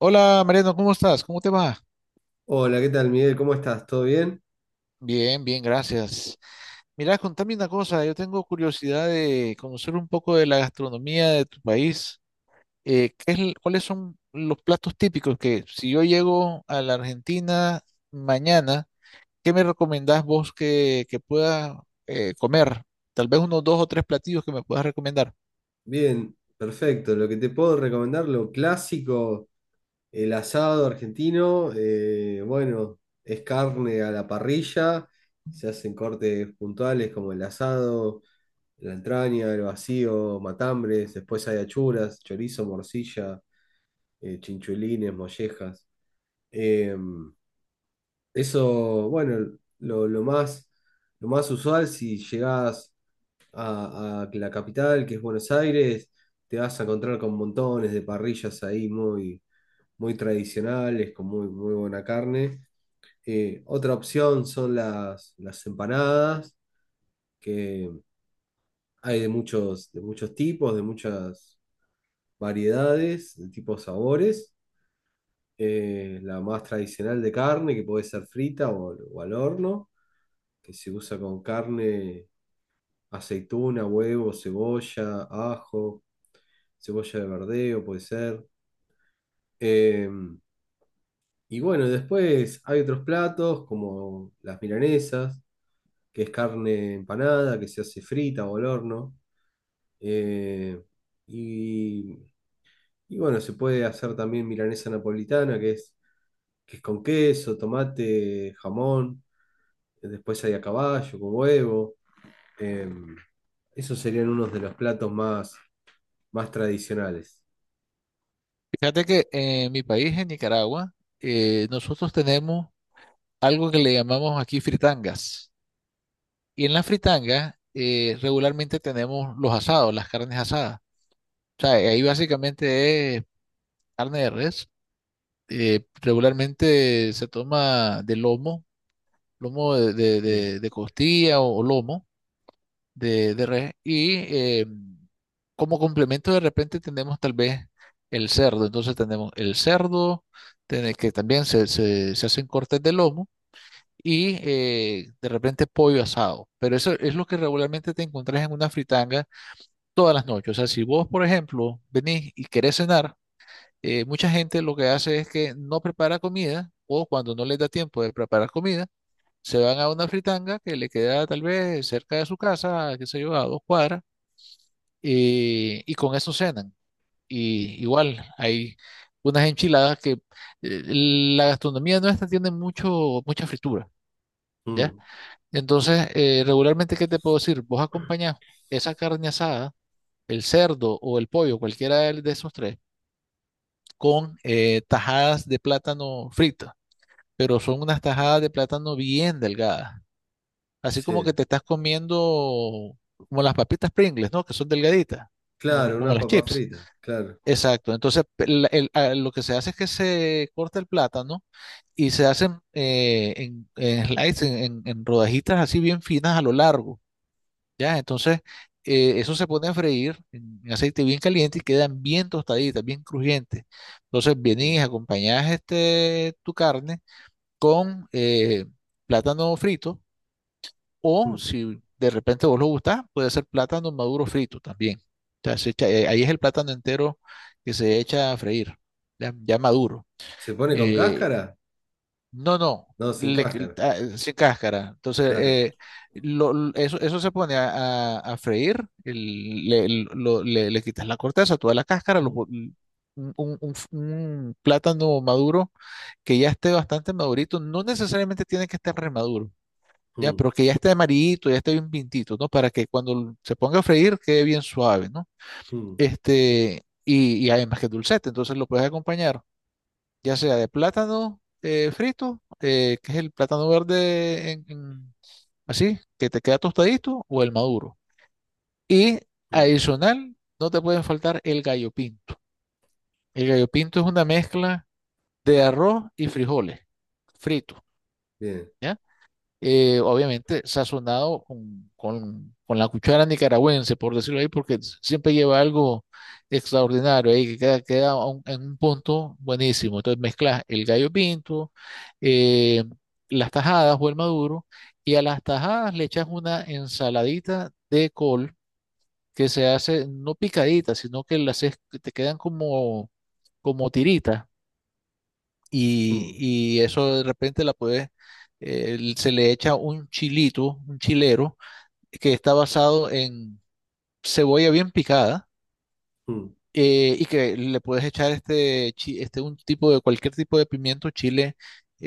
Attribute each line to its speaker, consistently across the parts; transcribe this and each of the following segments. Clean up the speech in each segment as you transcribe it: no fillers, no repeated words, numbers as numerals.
Speaker 1: Hola Mariano, ¿cómo estás? ¿Cómo te va?
Speaker 2: Hola, ¿qué tal, Miguel? ¿Cómo estás? ¿Todo bien?
Speaker 1: Bien, bien, gracias. Mira, contame una cosa, yo tengo curiosidad de conocer un poco de la gastronomía de tu país. ¿Qué es, cuáles son los platos típicos que si yo llego a la Argentina mañana, ¿qué me recomendás vos que pueda comer? Tal vez unos dos o tres platillos que me puedas recomendar.
Speaker 2: Bien, perfecto. Lo que te puedo recomendar, lo clásico, el asado argentino, bueno, es carne a la parrilla, se hacen cortes puntuales como el asado, la entraña, el vacío, matambres, después hay achuras, chorizo, morcilla, chinchulines, mollejas. Eh, eso, bueno, lo más usual si llegás a la capital, que es Buenos Aires. Te vas a encontrar con montones de parrillas ahí muy, muy tradicionales, con muy, muy buena carne. Otra opción son las empanadas, que hay de muchos tipos, de muchas variedades, de tipos sabores. La más tradicional de carne, que puede ser frita o al horno, que se usa con carne, aceituna, huevo, cebolla, ajo cebolla de verdeo, puede ser. Eh, y bueno, después hay otros platos como las milanesas, que es carne empanada, que se hace frita o al horno. Eh, y, y bueno, se puede hacer también milanesa napolitana, que es con queso, tomate, jamón. Después hay a caballo, con huevo. Eh, esos serían unos de los platos más tradicionales.
Speaker 1: Fíjate que en mi país, en Nicaragua, nosotros tenemos algo que le llamamos aquí fritangas. Y en la fritanga regularmente tenemos los asados, las carnes asadas. O sea, ahí básicamente es carne de res. Regularmente se toma de lomo, lomo de,
Speaker 2: Sí.
Speaker 1: de costilla o lomo de res. Y como complemento de repente tenemos tal vez el cerdo. Entonces tenemos el cerdo, que también se hacen cortes de lomo. Y de repente pollo asado. Pero eso es lo que regularmente te encontrás en una fritanga todas las noches. O sea, si vos, por ejemplo, venís y querés cenar, mucha gente lo que hace es que no prepara comida o cuando no les da tiempo de preparar comida, se van a una fritanga que le queda tal vez cerca de su casa, qué sé yo, a dos cuadras, y con eso cenan. Y igual hay unas enchiladas que la gastronomía nuestra tiene mucho, mucha fritura, ¿ya?
Speaker 2: Mm,
Speaker 1: Entonces, regularmente, ¿qué te puedo decir? Vos acompañás esa carne asada el cerdo o el pollo, cualquiera de esos tres, con tajadas de plátano frito pero son unas tajadas de plátano bien delgadas, así como
Speaker 2: sí.
Speaker 1: que te estás comiendo como las papitas Pringles, ¿no? Que son delgaditas, como,
Speaker 2: Claro,
Speaker 1: como
Speaker 2: una
Speaker 1: las
Speaker 2: papa
Speaker 1: chips.
Speaker 2: frita, claro.
Speaker 1: Exacto, entonces lo que se hace es que se corta el plátano y se hacen en slices, en rodajitas así bien finas a lo largo. Ya, entonces, eso se pone a freír en aceite bien caliente y quedan bien tostaditas, bien crujientes. Entonces, vienes
Speaker 2: Mm,
Speaker 1: y acompañas este, tu carne con plátano frito o
Speaker 2: mm.
Speaker 1: si de repente vos lo gustás, puede ser plátano maduro frito también. O sea, ahí es el plátano entero que se echa a freír, ya, ya maduro.
Speaker 2: ¿Se pone con
Speaker 1: Eh,
Speaker 2: cáscara?
Speaker 1: no, no,
Speaker 2: No, sin
Speaker 1: le-
Speaker 2: cáscara,
Speaker 1: ah, sin cáscara. Entonces,
Speaker 2: claro.
Speaker 1: eso, eso se pone a freír, le quitas la corteza, toda la cáscara, lo
Speaker 2: Mm,
Speaker 1: po- un, un- un plátano maduro que ya esté bastante madurito, no necesariamente tiene que estar remaduro, ya,
Speaker 2: mm,
Speaker 1: pero que ya esté amarillito, ya esté bien pintito, ¿no? Para que cuando se ponga a freír quede bien suave, ¿no?
Speaker 2: mm,
Speaker 1: Este, y además que es dulcete, entonces lo puedes acompañar ya sea de plátano frito, que es el plátano verde así, que te queda tostadito, o el maduro. Y
Speaker 2: mm.
Speaker 1: adicional, no te pueden faltar el gallo pinto. El gallo pinto es una mezcla de arroz y frijoles fritos,
Speaker 2: Bien.
Speaker 1: ¿ya? Obviamente sazonado con, con la cuchara nicaragüense, por decirlo ahí, porque siempre lleva algo extraordinario ahí, que queda, queda a en un punto buenísimo. Entonces mezclas el gallo pinto, eh, las tajadas o el maduro, y a las tajadas le echas una ensaladita de col que se hace no picadita, sino que las te quedan como, como tiritas
Speaker 2: Mm,
Speaker 1: y, y eso de repente la puedes, se le echa un chilito, un chilero, que está basado en cebolla bien picada,
Speaker 2: mm,
Speaker 1: y que le puedes echar este, este un tipo de cualquier tipo de pimiento chile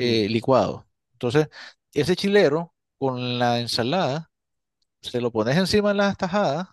Speaker 2: mm.
Speaker 1: licuado. Entonces, ese chilero con la ensalada, se lo pones encima de las tajadas,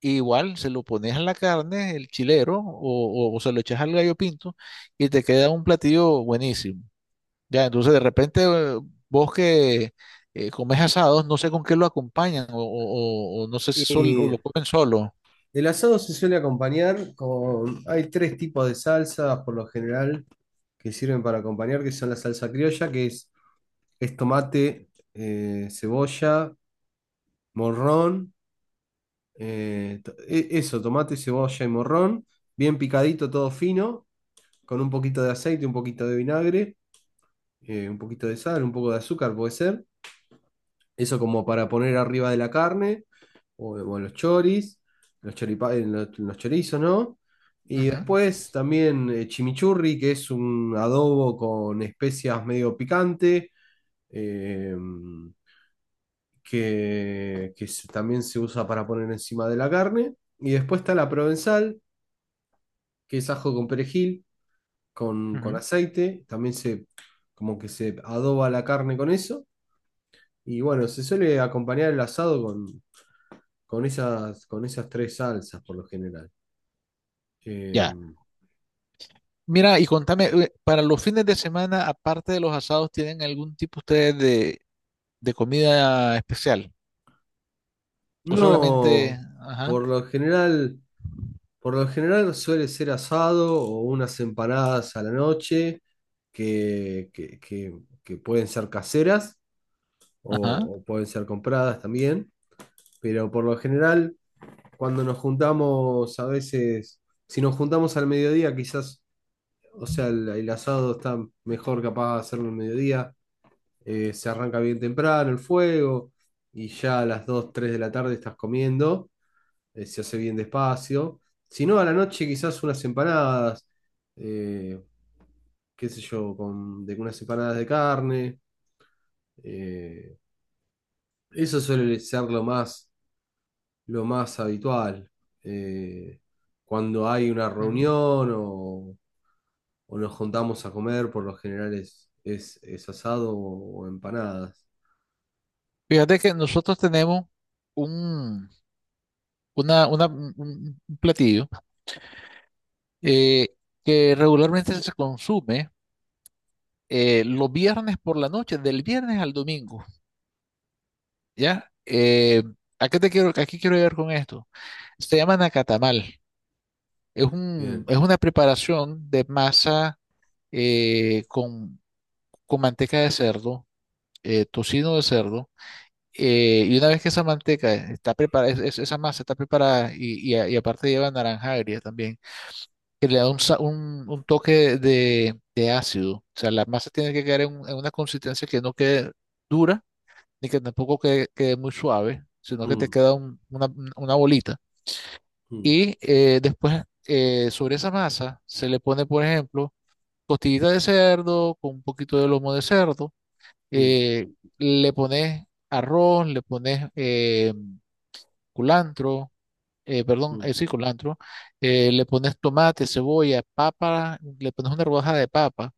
Speaker 1: e igual se lo pones a la carne, el chilero, o se lo echas al gallo pinto, y te queda un platillo buenísimo. Ya, entonces de repente vos que comes asados, no sé con qué lo acompañan o, no sé si o
Speaker 2: Y
Speaker 1: lo comen solo.
Speaker 2: el asado se suele acompañar Hay tres tipos de salsas por lo general que sirven para acompañar, que son la salsa criolla, que es tomate, cebolla, morrón, eso, tomate, cebolla y morrón, bien picadito, todo fino, con un poquito de aceite, un poquito de vinagre. Un poquito de sal, un poco de azúcar, puede ser. Eso como para poner arriba de la carne o los choris, en los chorizos, ¿no? Y
Speaker 1: Ujú,
Speaker 2: después también chimichurri, que es un adobo con especias medio picante, eh, también se usa para poner encima de la carne. Y después está la provenzal, que es ajo con perejil, con,
Speaker 1: ujú.
Speaker 2: aceite. También, como que se adoba la carne con eso. Y bueno, se suele acompañar el asado con esas tres salsas por lo general. Eh,
Speaker 1: Ya. Mira, y contame, para los fines de semana, aparte de los asados, ¿tienen algún tipo ustedes de comida especial? O solamente,
Speaker 2: no,
Speaker 1: ajá,
Speaker 2: por lo general, por lo general suele ser asado o unas empanadas a la noche que, que- que- que pueden ser caseras
Speaker 1: ajá.
Speaker 2: o pueden ser compradas también. Pero por lo general, cuando nos juntamos a veces, si nos juntamos al mediodía, quizás, o sea, el asado está mejor capaz de hacerlo al mediodía, se arranca bien temprano el fuego y ya a las 2 3 de la tarde estás comiendo, se hace bien despacio. Si no, a la noche quizás unas empanadas, eh, qué sé yo, unas empanadas de carne. eh, eso suele ser lo más habitual. eh, cuando hay una
Speaker 1: ujú.
Speaker 2: reunión o nos juntamos a comer, por lo general es asado o empanadas.
Speaker 1: Fíjate que nosotros tenemos un, una- un platillo eh, que regularmente se consume. Eh, los viernes por la noche, del viernes al domingo, ¿ya? ¿A qué te quiero, aquí quiero llegar con esto? Se llama nacatamal. Es un,
Speaker 2: Bien.
Speaker 1: es una preparación de masa eh, con, con manteca de cerdo, tocino de cerdo, y una vez que esa manteca está preparada, esa masa está preparada y, y aparte lleva naranja agria también, que le da un, un toque de ácido. O sea, la masa tiene que quedar en, en una consistencia que no quede dura ni que tampoco quede, quede muy suave, sino que te
Speaker 2: Mm,
Speaker 1: queda una bolita.
Speaker 2: mm,
Speaker 1: Y después sobre esa masa se le pone, por ejemplo, costillita de cerdo con un poquito de lomo de cerdo,
Speaker 2: mm,
Speaker 1: eh, le pones arroz, le pones culantro, perdón,
Speaker 2: mm,
Speaker 1: sí, culantro, le pones tomate, cebolla, papa, le pones una rodaja de papa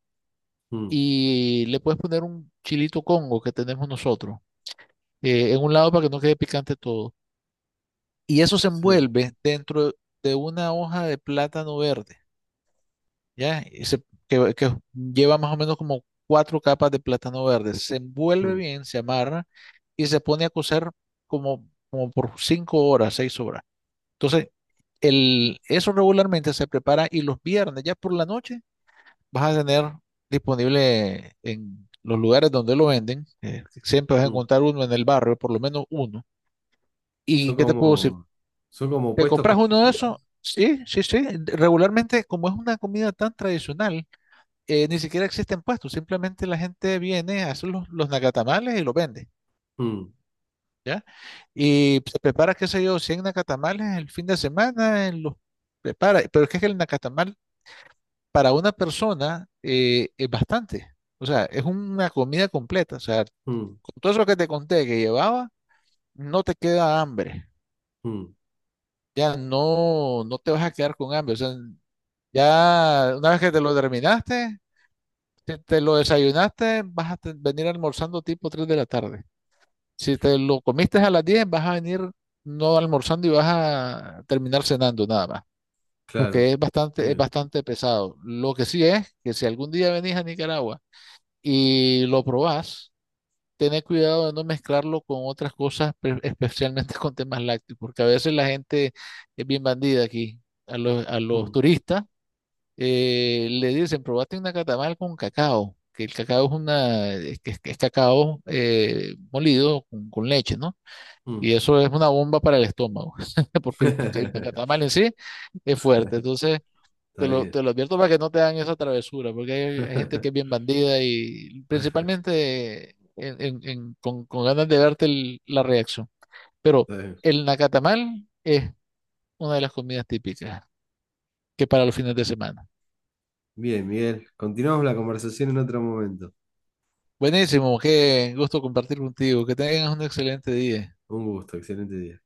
Speaker 2: mm.
Speaker 1: y le puedes poner un chilito congo que tenemos nosotros en un lado para que no quede picante todo. Y eso se
Speaker 2: Sí.
Speaker 1: envuelve dentro de una hoja de plátano verde, ¿ya? Y se- que lleva más o menos como 4 capas de plátano verde. Se envuelve
Speaker 2: Mm,
Speaker 1: bien, se amarra y se pone a cocer como, como por 5 horas, 6 horas. Entonces, eso regularmente se prepara y los viernes, ya por la noche, vas a tener disponible en los lugares donde lo venden. Eh, siempre vas a
Speaker 2: mm.
Speaker 1: encontrar uno en el barrio, por lo menos uno. ¿Y
Speaker 2: Son
Speaker 1: qué te puedo decir?
Speaker 2: como, son como
Speaker 1: ¿Te
Speaker 2: puestos
Speaker 1: compras uno de esos?
Speaker 2: callejeros.
Speaker 1: Sí, sí, sí. Regularmente, como es una comida tan tradicional, ni siquiera existen puestos. Simplemente la gente viene, hace los nacatamales y los vende,
Speaker 2: Mm,
Speaker 1: ¿ya? Y se prepara, qué sé yo, 100 nacatamales el fin de semana, los prepara. Pero es que el nacatamal para una persona es bastante. O sea, es una comida completa. O sea,
Speaker 2: mm,
Speaker 1: con todo eso que te conté que llevaba, no te queda hambre.
Speaker 2: mm.
Speaker 1: Ya no, no te vas a quedar con hambre. O sea, ya, una vez que te lo terminaste, si te lo desayunaste, vas a venir almorzando tipo 3 de la tarde. Si te lo comiste a las 10, vas a venir no almorzando y vas a terminar cenando nada más.
Speaker 2: Claro.
Speaker 1: Porque es
Speaker 2: Bien.
Speaker 1: bastante pesado. Lo que sí es que si algún día venís a Nicaragua y lo probás, tened cuidado de no mezclarlo con otras cosas, especialmente con temas lácteos, porque a veces la gente es bien bandida aquí. A a los
Speaker 2: Mm,
Speaker 1: turistas le dicen, probate una catamal con cacao, que el cacao es una, es, que es cacao molido con leche, ¿no? Y
Speaker 2: mm.
Speaker 1: eso es una bomba para el estómago, porque que el nacatamal en sí es fuerte. Entonces,
Speaker 2: Está bien.
Speaker 1: te lo advierto para que no te hagan esa travesura, porque hay gente
Speaker 2: Está
Speaker 1: que es bien bandida y principalmente con ganas de verte la reacción. Pero
Speaker 2: bien.
Speaker 1: el nacatamal es una de las comidas típicas que para los fines de semana.
Speaker 2: Bien, Miguel. Continuamos la conversación en otro momento.
Speaker 1: Buenísimo, qué gusto compartir contigo. Que tengas un excelente día.
Speaker 2: Un gusto. Excelente día.